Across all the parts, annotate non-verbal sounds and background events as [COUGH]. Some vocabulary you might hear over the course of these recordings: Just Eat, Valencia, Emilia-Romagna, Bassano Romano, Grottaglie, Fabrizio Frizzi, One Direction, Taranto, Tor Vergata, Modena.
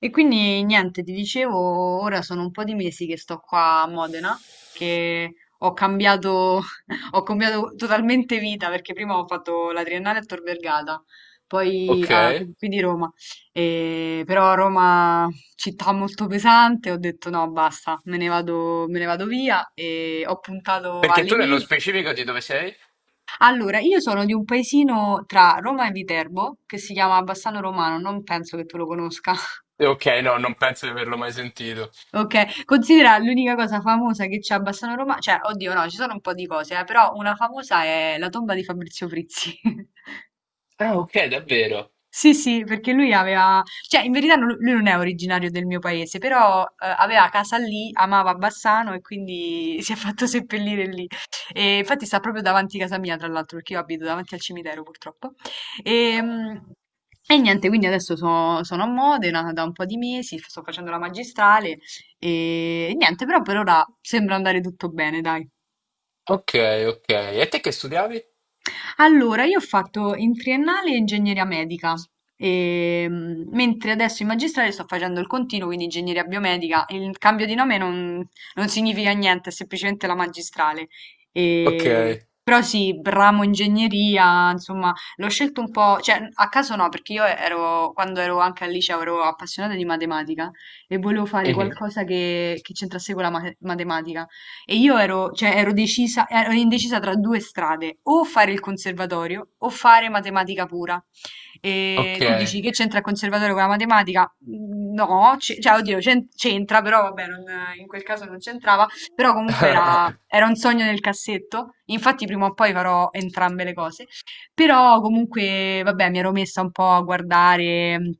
E quindi niente, ti dicevo, ora sono un po' di mesi che sto qua a Modena, che ho cambiato, [LAUGHS] ho cambiato totalmente vita perché prima ho fatto la triennale a Tor Vergata, poi Ok. Qui di Roma, e, però Roma città molto pesante, ho detto no, basta, me ne vado via e ho puntato Perché alle tu nello Emilie. specifico di dove sei? Allora, io sono di un paesino tra Roma e Viterbo che si chiama Bassano Romano, non penso che tu lo conosca. [LAUGHS] Ok, no, non penso di averlo mai sentito. Ok, considera l'unica cosa famosa che c'è a Bassano Roma, cioè, oddio no, ci sono un po' di cose, però una famosa è la tomba di Fabrizio Frizzi. [LAUGHS] Ah, ok, davvero. Sì, sì, perché lui aveva, cioè in verità lui non è originario del mio paese, però aveva casa lì, amava Bassano e quindi [LAUGHS] si è fatto seppellire lì. E infatti sta proprio davanti a casa mia, tra l'altro, perché io abito davanti al cimitero purtroppo. E, Ah. mm, e niente, quindi adesso sono a Modena da un po' di mesi, sto facendo la magistrale e niente, però per ora sembra andare tutto bene, dai. Ok, ok. E te che studiavi? Allora, io ho fatto in triennale ingegneria medica, mentre adesso in magistrale sto facendo il continuo, quindi ingegneria biomedica. Il cambio di nome non significa niente, è semplicemente la magistrale. Ok. Però sì, ramo ingegneria, insomma, l'ho scelto un po', cioè a caso no, perché io ero, quando ero anche al liceo ero appassionata di matematica e volevo fare Mhm. qualcosa che c'entrasse con la matematica. E io ero, cioè, ero decisa, ero indecisa tra due strade, o fare il conservatorio o fare matematica pura. E Ok. tu dici che c'entra il conservatorio con la matematica? No, cioè, oddio, c'entra, però vabbè, in quel caso non c'entrava, però comunque era, [LAUGHS] era un sogno nel cassetto, infatti prima o poi farò entrambe le cose, però comunque, vabbè, mi ero messa un po' a guardare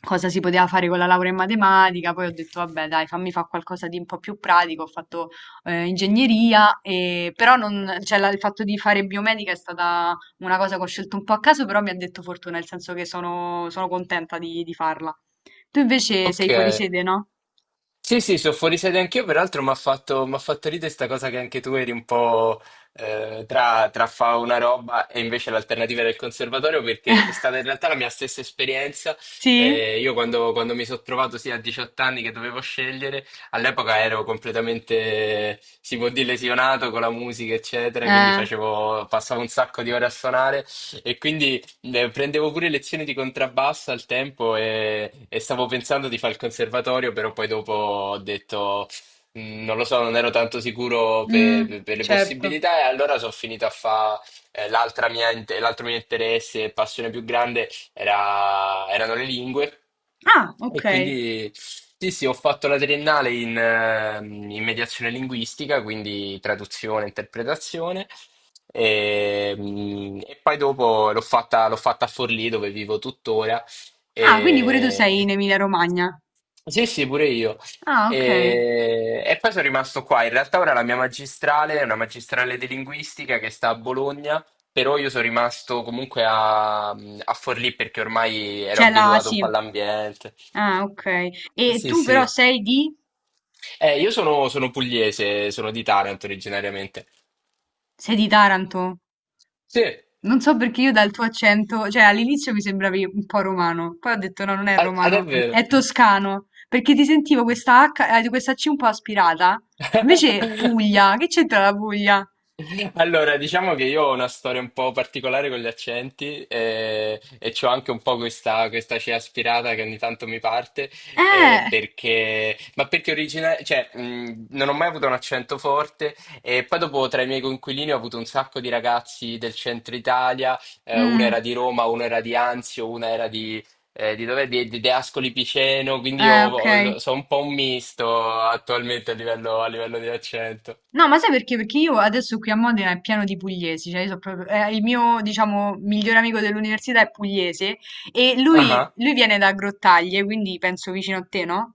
cosa si poteva fare con la laurea in matematica, poi ho detto, vabbè, dai, fammi fare qualcosa di un po' più pratico, ho fatto ingegneria, però non, cioè, il fatto di fare biomedica è stata una cosa che ho scelto un po' a caso, però mi ha detto fortuna, nel senso che sono, sono contenta di farla. Tu invece Ok. sei fuori sede, no? Sì, sì, sono fuori sede anch'io, peraltro mi ha fatto, m'ha fatto ridere sta cosa che anche tu eri un po' tra, tra fa una roba e invece l'alternativa del conservatorio, perché è stata in realtà la [LAUGHS] mia stessa esperienza. Sì? Io quando mi sono trovato sia a 18 anni che dovevo scegliere, all'epoca ero completamente, si può dire, lesionato con la musica, eccetera, quindi Eh, facevo, passavo un sacco di ore a suonare e quindi Prendevo pure lezioni di contrabbasso al tempo e stavo pensando di fare il conservatorio, però poi dopo ho detto, "Mm, non lo so, non ero tanto sicuro per, mm, per le certo. possibilità e allora sono finito a fare l'altra mia, l'altro mio interesse e passione più grande erano le lingue. Ah, ok. E quindi sì, sì, ho fatto la triennale in, in mediazione linguistica, quindi traduzione, interpretazione. E, e poi dopo l'ho fatta a Forlì dove vivo tuttora. Ah, quindi pure tu sei E... in Emilia-Romagna. Sì, sì, pure io. Ah, ok. E poi sono rimasto qua. In realtà ora la mia magistrale è una magistrale di linguistica che sta a Bologna, però io sono rimasto comunque a, a Forlì perché ormai ero C'è la, abituato un sì. po' all'ambiente. Ah, ok. E Sì, tu però sì. sei di... Io sono, sono pugliese, sono di Taranto originariamente. Sei di Taranto? Sì, Non so perché io dal tuo accento, cioè all'inizio mi sembravi un po' romano, poi ho detto no, non è ah, ah, romano, è davvero. toscano, perché ti sentivo questa H, questa C un po' aspirata, invece [LAUGHS] Puglia, che c'entra la Puglia? [LAUGHS] Allora, diciamo che io ho una storia un po' particolare con gli accenti e, c'ho anche un po' questa cea aspirata che ogni tanto mi parte, Eh, perché, ma perché cioè, non ho mai avuto un accento forte e poi dopo tra i miei coinquilini ho avuto un sacco di ragazzi del centro Italia, uno era mm, di Roma, uno era di Anzio, uno era di dove? Di, di Ascoli Piceno, quindi ok. Sono un po' un misto attualmente a livello di accento. No, ma sai perché? Perché io adesso qui a Modena è pieno di pugliesi, cioè io so proprio, il mio, diciamo, migliore amico dell'università è pugliese e Ah. lui viene da Grottaglie, quindi penso vicino a te, no?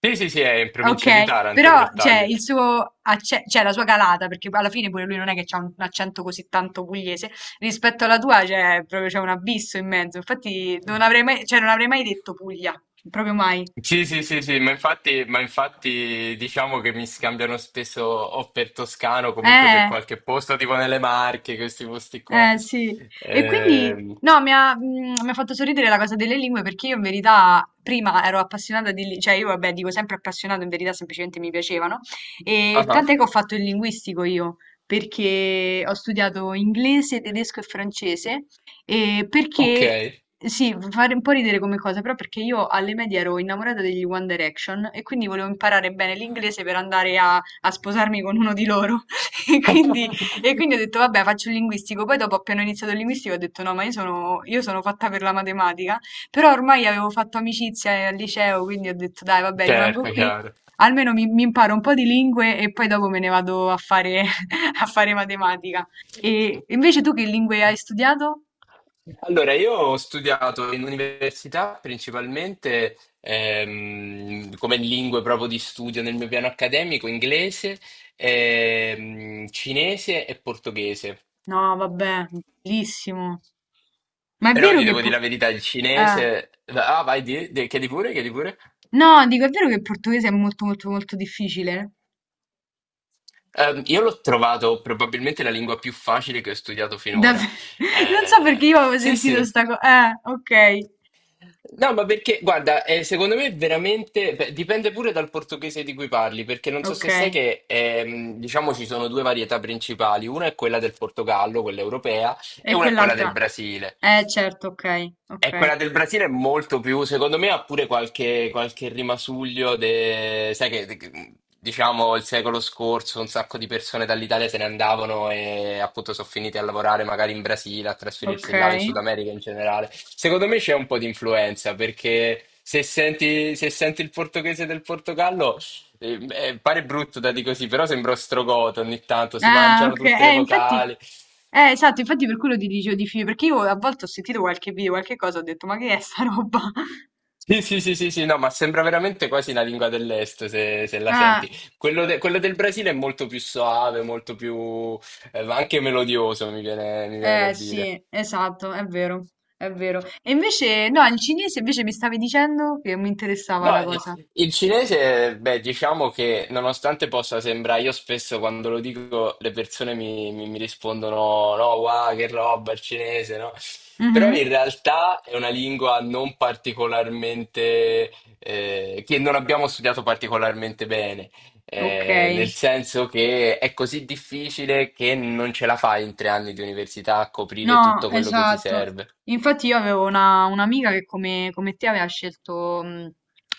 Sì, sì, sì, è in provincia di Okay, Taranto, però cioè Grottaglie. il suo acce cioè la sua calata, perché poi alla fine pure lui non è che c'ha un accento così tanto pugliese, rispetto alla tua cioè proprio c'è un abisso in mezzo. Infatti non avrei mai cioè non avrei mai detto Puglia, proprio mai. Sì, sì, sì, sì, ma infatti diciamo che mi scambiano spesso o per Toscano, comunque per Eh. qualche posto, tipo nelle Marche, questi posti qua. Eh sì, e quindi Ehm, no, mi ha fatto sorridere la cosa delle lingue perché io in verità prima ero appassionata di, cioè io vabbè dico sempre appassionato, in verità semplicemente mi piacevano e ah, tant'è che ho fatto il linguistico io perché ho studiato inglese, tedesco e francese e Ok. perché, sì, fa fare un po' ridere come cosa, però perché io alle medie ero innamorata degli One Direction e quindi volevo imparare bene l'inglese per andare a sposarmi con uno di loro [LAUGHS] e quindi e [LAUGHS] quindi ho detto, vabbè, faccio il linguistico. Poi dopo, appena ho iniziato il linguistico, ho detto, no, ma io sono fatta per la matematica. Però ormai avevo fatto amicizia al liceo, quindi ho detto, dai, vabbè, rimango Certo, qui. chiaro. Almeno mi imparo un po' di lingue e poi dopo me ne vado a fare, [LAUGHS] a fare matematica. E invece tu che lingue hai studiato? Allora, io ho studiato in università principalmente come lingue proprio di studio nel mio piano accademico, inglese, cinese e portoghese. No, vabbè, bellissimo. Ma è Però vero ti che... devo dire la verità, il eh, cinese... Ah, vai, di, chiedi pure, chiedi pure. no, dico, è vero che il portoghese è molto, molto, molto difficile? Io l'ho trovato probabilmente la lingua più facile che ho studiato finora. Dav- [LAUGHS] non so perché io avevo Sì, sentito sì. sta cosa. Ok, No, ma perché, guarda, secondo me veramente beh, dipende pure dal portoghese di cui parli, perché non so ok. se sai che diciamo ci sono due varietà principali, una è quella del Portogallo, quella europea, e E una è quella del quell'altra. Brasile. Certo, ok, E ok, quella del Brasile è molto più, secondo me ha pure qualche, qualche rimasuglio, sai che diciamo il secolo scorso un sacco di persone dall'Italia se ne andavano e appunto sono finite a lavorare magari in Brasile, a ok. trasferirsi là in Sud America in generale. Secondo me c'è un po' di influenza perché se senti, se senti il portoghese del Portogallo pare brutto da dire così, però sembra ostrogoto ogni tanto, si Ah, mangiano ok. tutte le Infatti. vocali. Esatto, infatti per quello ti dicevo di film, perché io a volte ho sentito qualche video, qualche cosa, ho detto, ma che è sta roba? [LAUGHS] Sì, sì, sì, sì, sì, no, ma sembra veramente quasi una lingua dell'est se, se la Ah, senti. Quello, quello del Brasile è molto più soave, molto più, anche melodioso, mi viene da dire. sì, esatto, è vero, è vero. E invece, no, il cinese invece mi stavi dicendo che mi interessava No, la cosa. il cinese, beh, diciamo che nonostante possa sembrare, io spesso quando lo dico le persone mi, mi rispondono, no, wow, che roba il cinese, no? Però Mhm. in realtà è una lingua non particolarmente, che non abbiamo studiato particolarmente bene, Ok. Nel senso che è così difficile che non ce la fai in 3 anni di università a coprire No, tutto quello che ti esatto. serve. Infatti io avevo un'amica che come, come te aveva scelto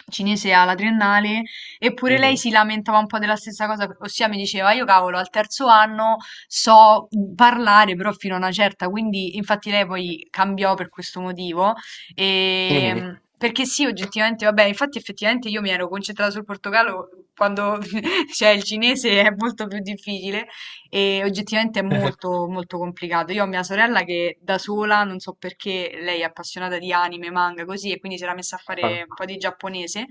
cinese alla triennale, eppure lei Mhm, si lamentava un po' della stessa cosa, ossia mi diceva, io cavolo, al terzo anno so parlare però fino a una certa, quindi infatti lei poi cambiò per questo motivo. Mhm. Perché sì, oggettivamente, vabbè, infatti effettivamente io mi ero concentrata sul portogallo quando [LAUGHS] cioè, il cinese è molto più difficile. E oggettivamente è [LAUGHS] molto, molto complicato. Io ho mia sorella che da sola, non so perché, lei è appassionata di anime, manga, così, e quindi si era messa a Ah. fare un po' di giapponese.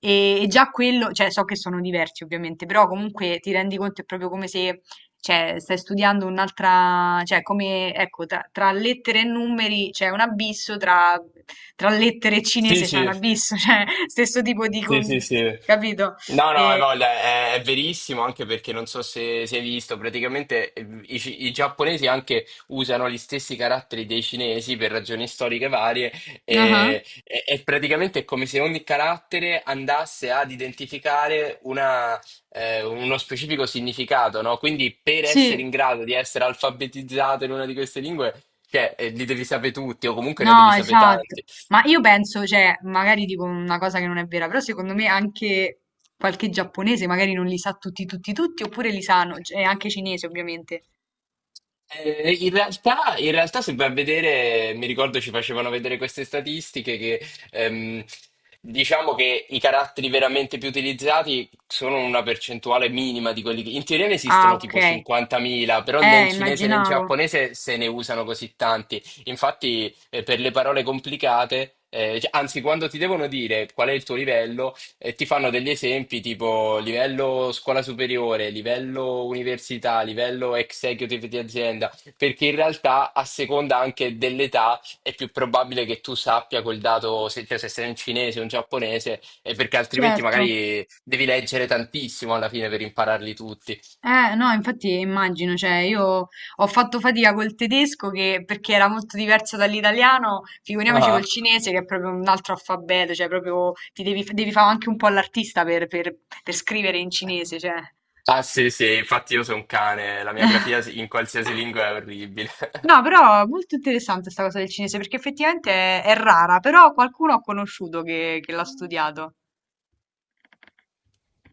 E già quello, cioè, so che sono diversi ovviamente, però comunque ti rendi conto è proprio come se, cioè, stai studiando un'altra, cioè, come, ecco, tra, tra lettere e numeri c'è un abisso, tra, tra lettere e Sì, cinese c'è un sì, abisso, [LAUGHS] cioè, stesso tipo di, Sì, sì, sì. capito? No, no, hai E, voglia, è verissimo anche perché non so se, se hai visto, praticamente i, i giapponesi anche usano gli stessi caratteri dei cinesi per ragioni storiche varie ah, e, e praticamente è come se ogni carattere andasse ad identificare una, uno specifico significato, no? Quindi per essere sì. in grado di essere alfabetizzato in una di queste lingue, cioè, li devi sapere tutti o comunque ne No, devi sapere esatto. tanti. Ma io penso, cioè, magari dico una cosa che non è vera, però secondo me anche qualche giapponese magari non li sa tutti, tutti, tutti, oppure li sanno, e anche cinese ovviamente. In realtà, se vai a vedere, mi ricordo ci facevano vedere queste statistiche che ehm, diciamo che i caratteri veramente più utilizzati sono una percentuale minima di quelli che in teoria ne Ah, esistono ok. tipo 50.000, però né in cinese né in Immaginavo. giapponese se ne usano così tanti. Infatti, per le parole complicate, cioè, anzi, quando ti devono dire qual è il tuo livello. E ti fanno degli esempi tipo livello scuola superiore, livello università, livello executive di azienda, perché in realtà a seconda anche dell'età è più probabile che tu sappia quel dato, se, cioè, se sei un cinese o un giapponese, e perché altrimenti Certo. magari devi leggere tantissimo alla fine per impararli tutti. No, infatti immagino, cioè, io ho fatto fatica col tedesco che, perché era molto diverso dall'italiano, figuriamoci col Ah, cinese che è proprio un altro alfabeto, cioè, proprio ti devi, devi fare anche un po' l'artista per, per scrivere in cinese, cioè. ah sì, sì, infatti io sono un cane, la mia grafia [LAUGHS] in qualsiasi lingua è orribile. No, però è molto interessante sta cosa del cinese, perché effettivamente è rara, però qualcuno ho conosciuto che l'ha [LAUGHS] studiato.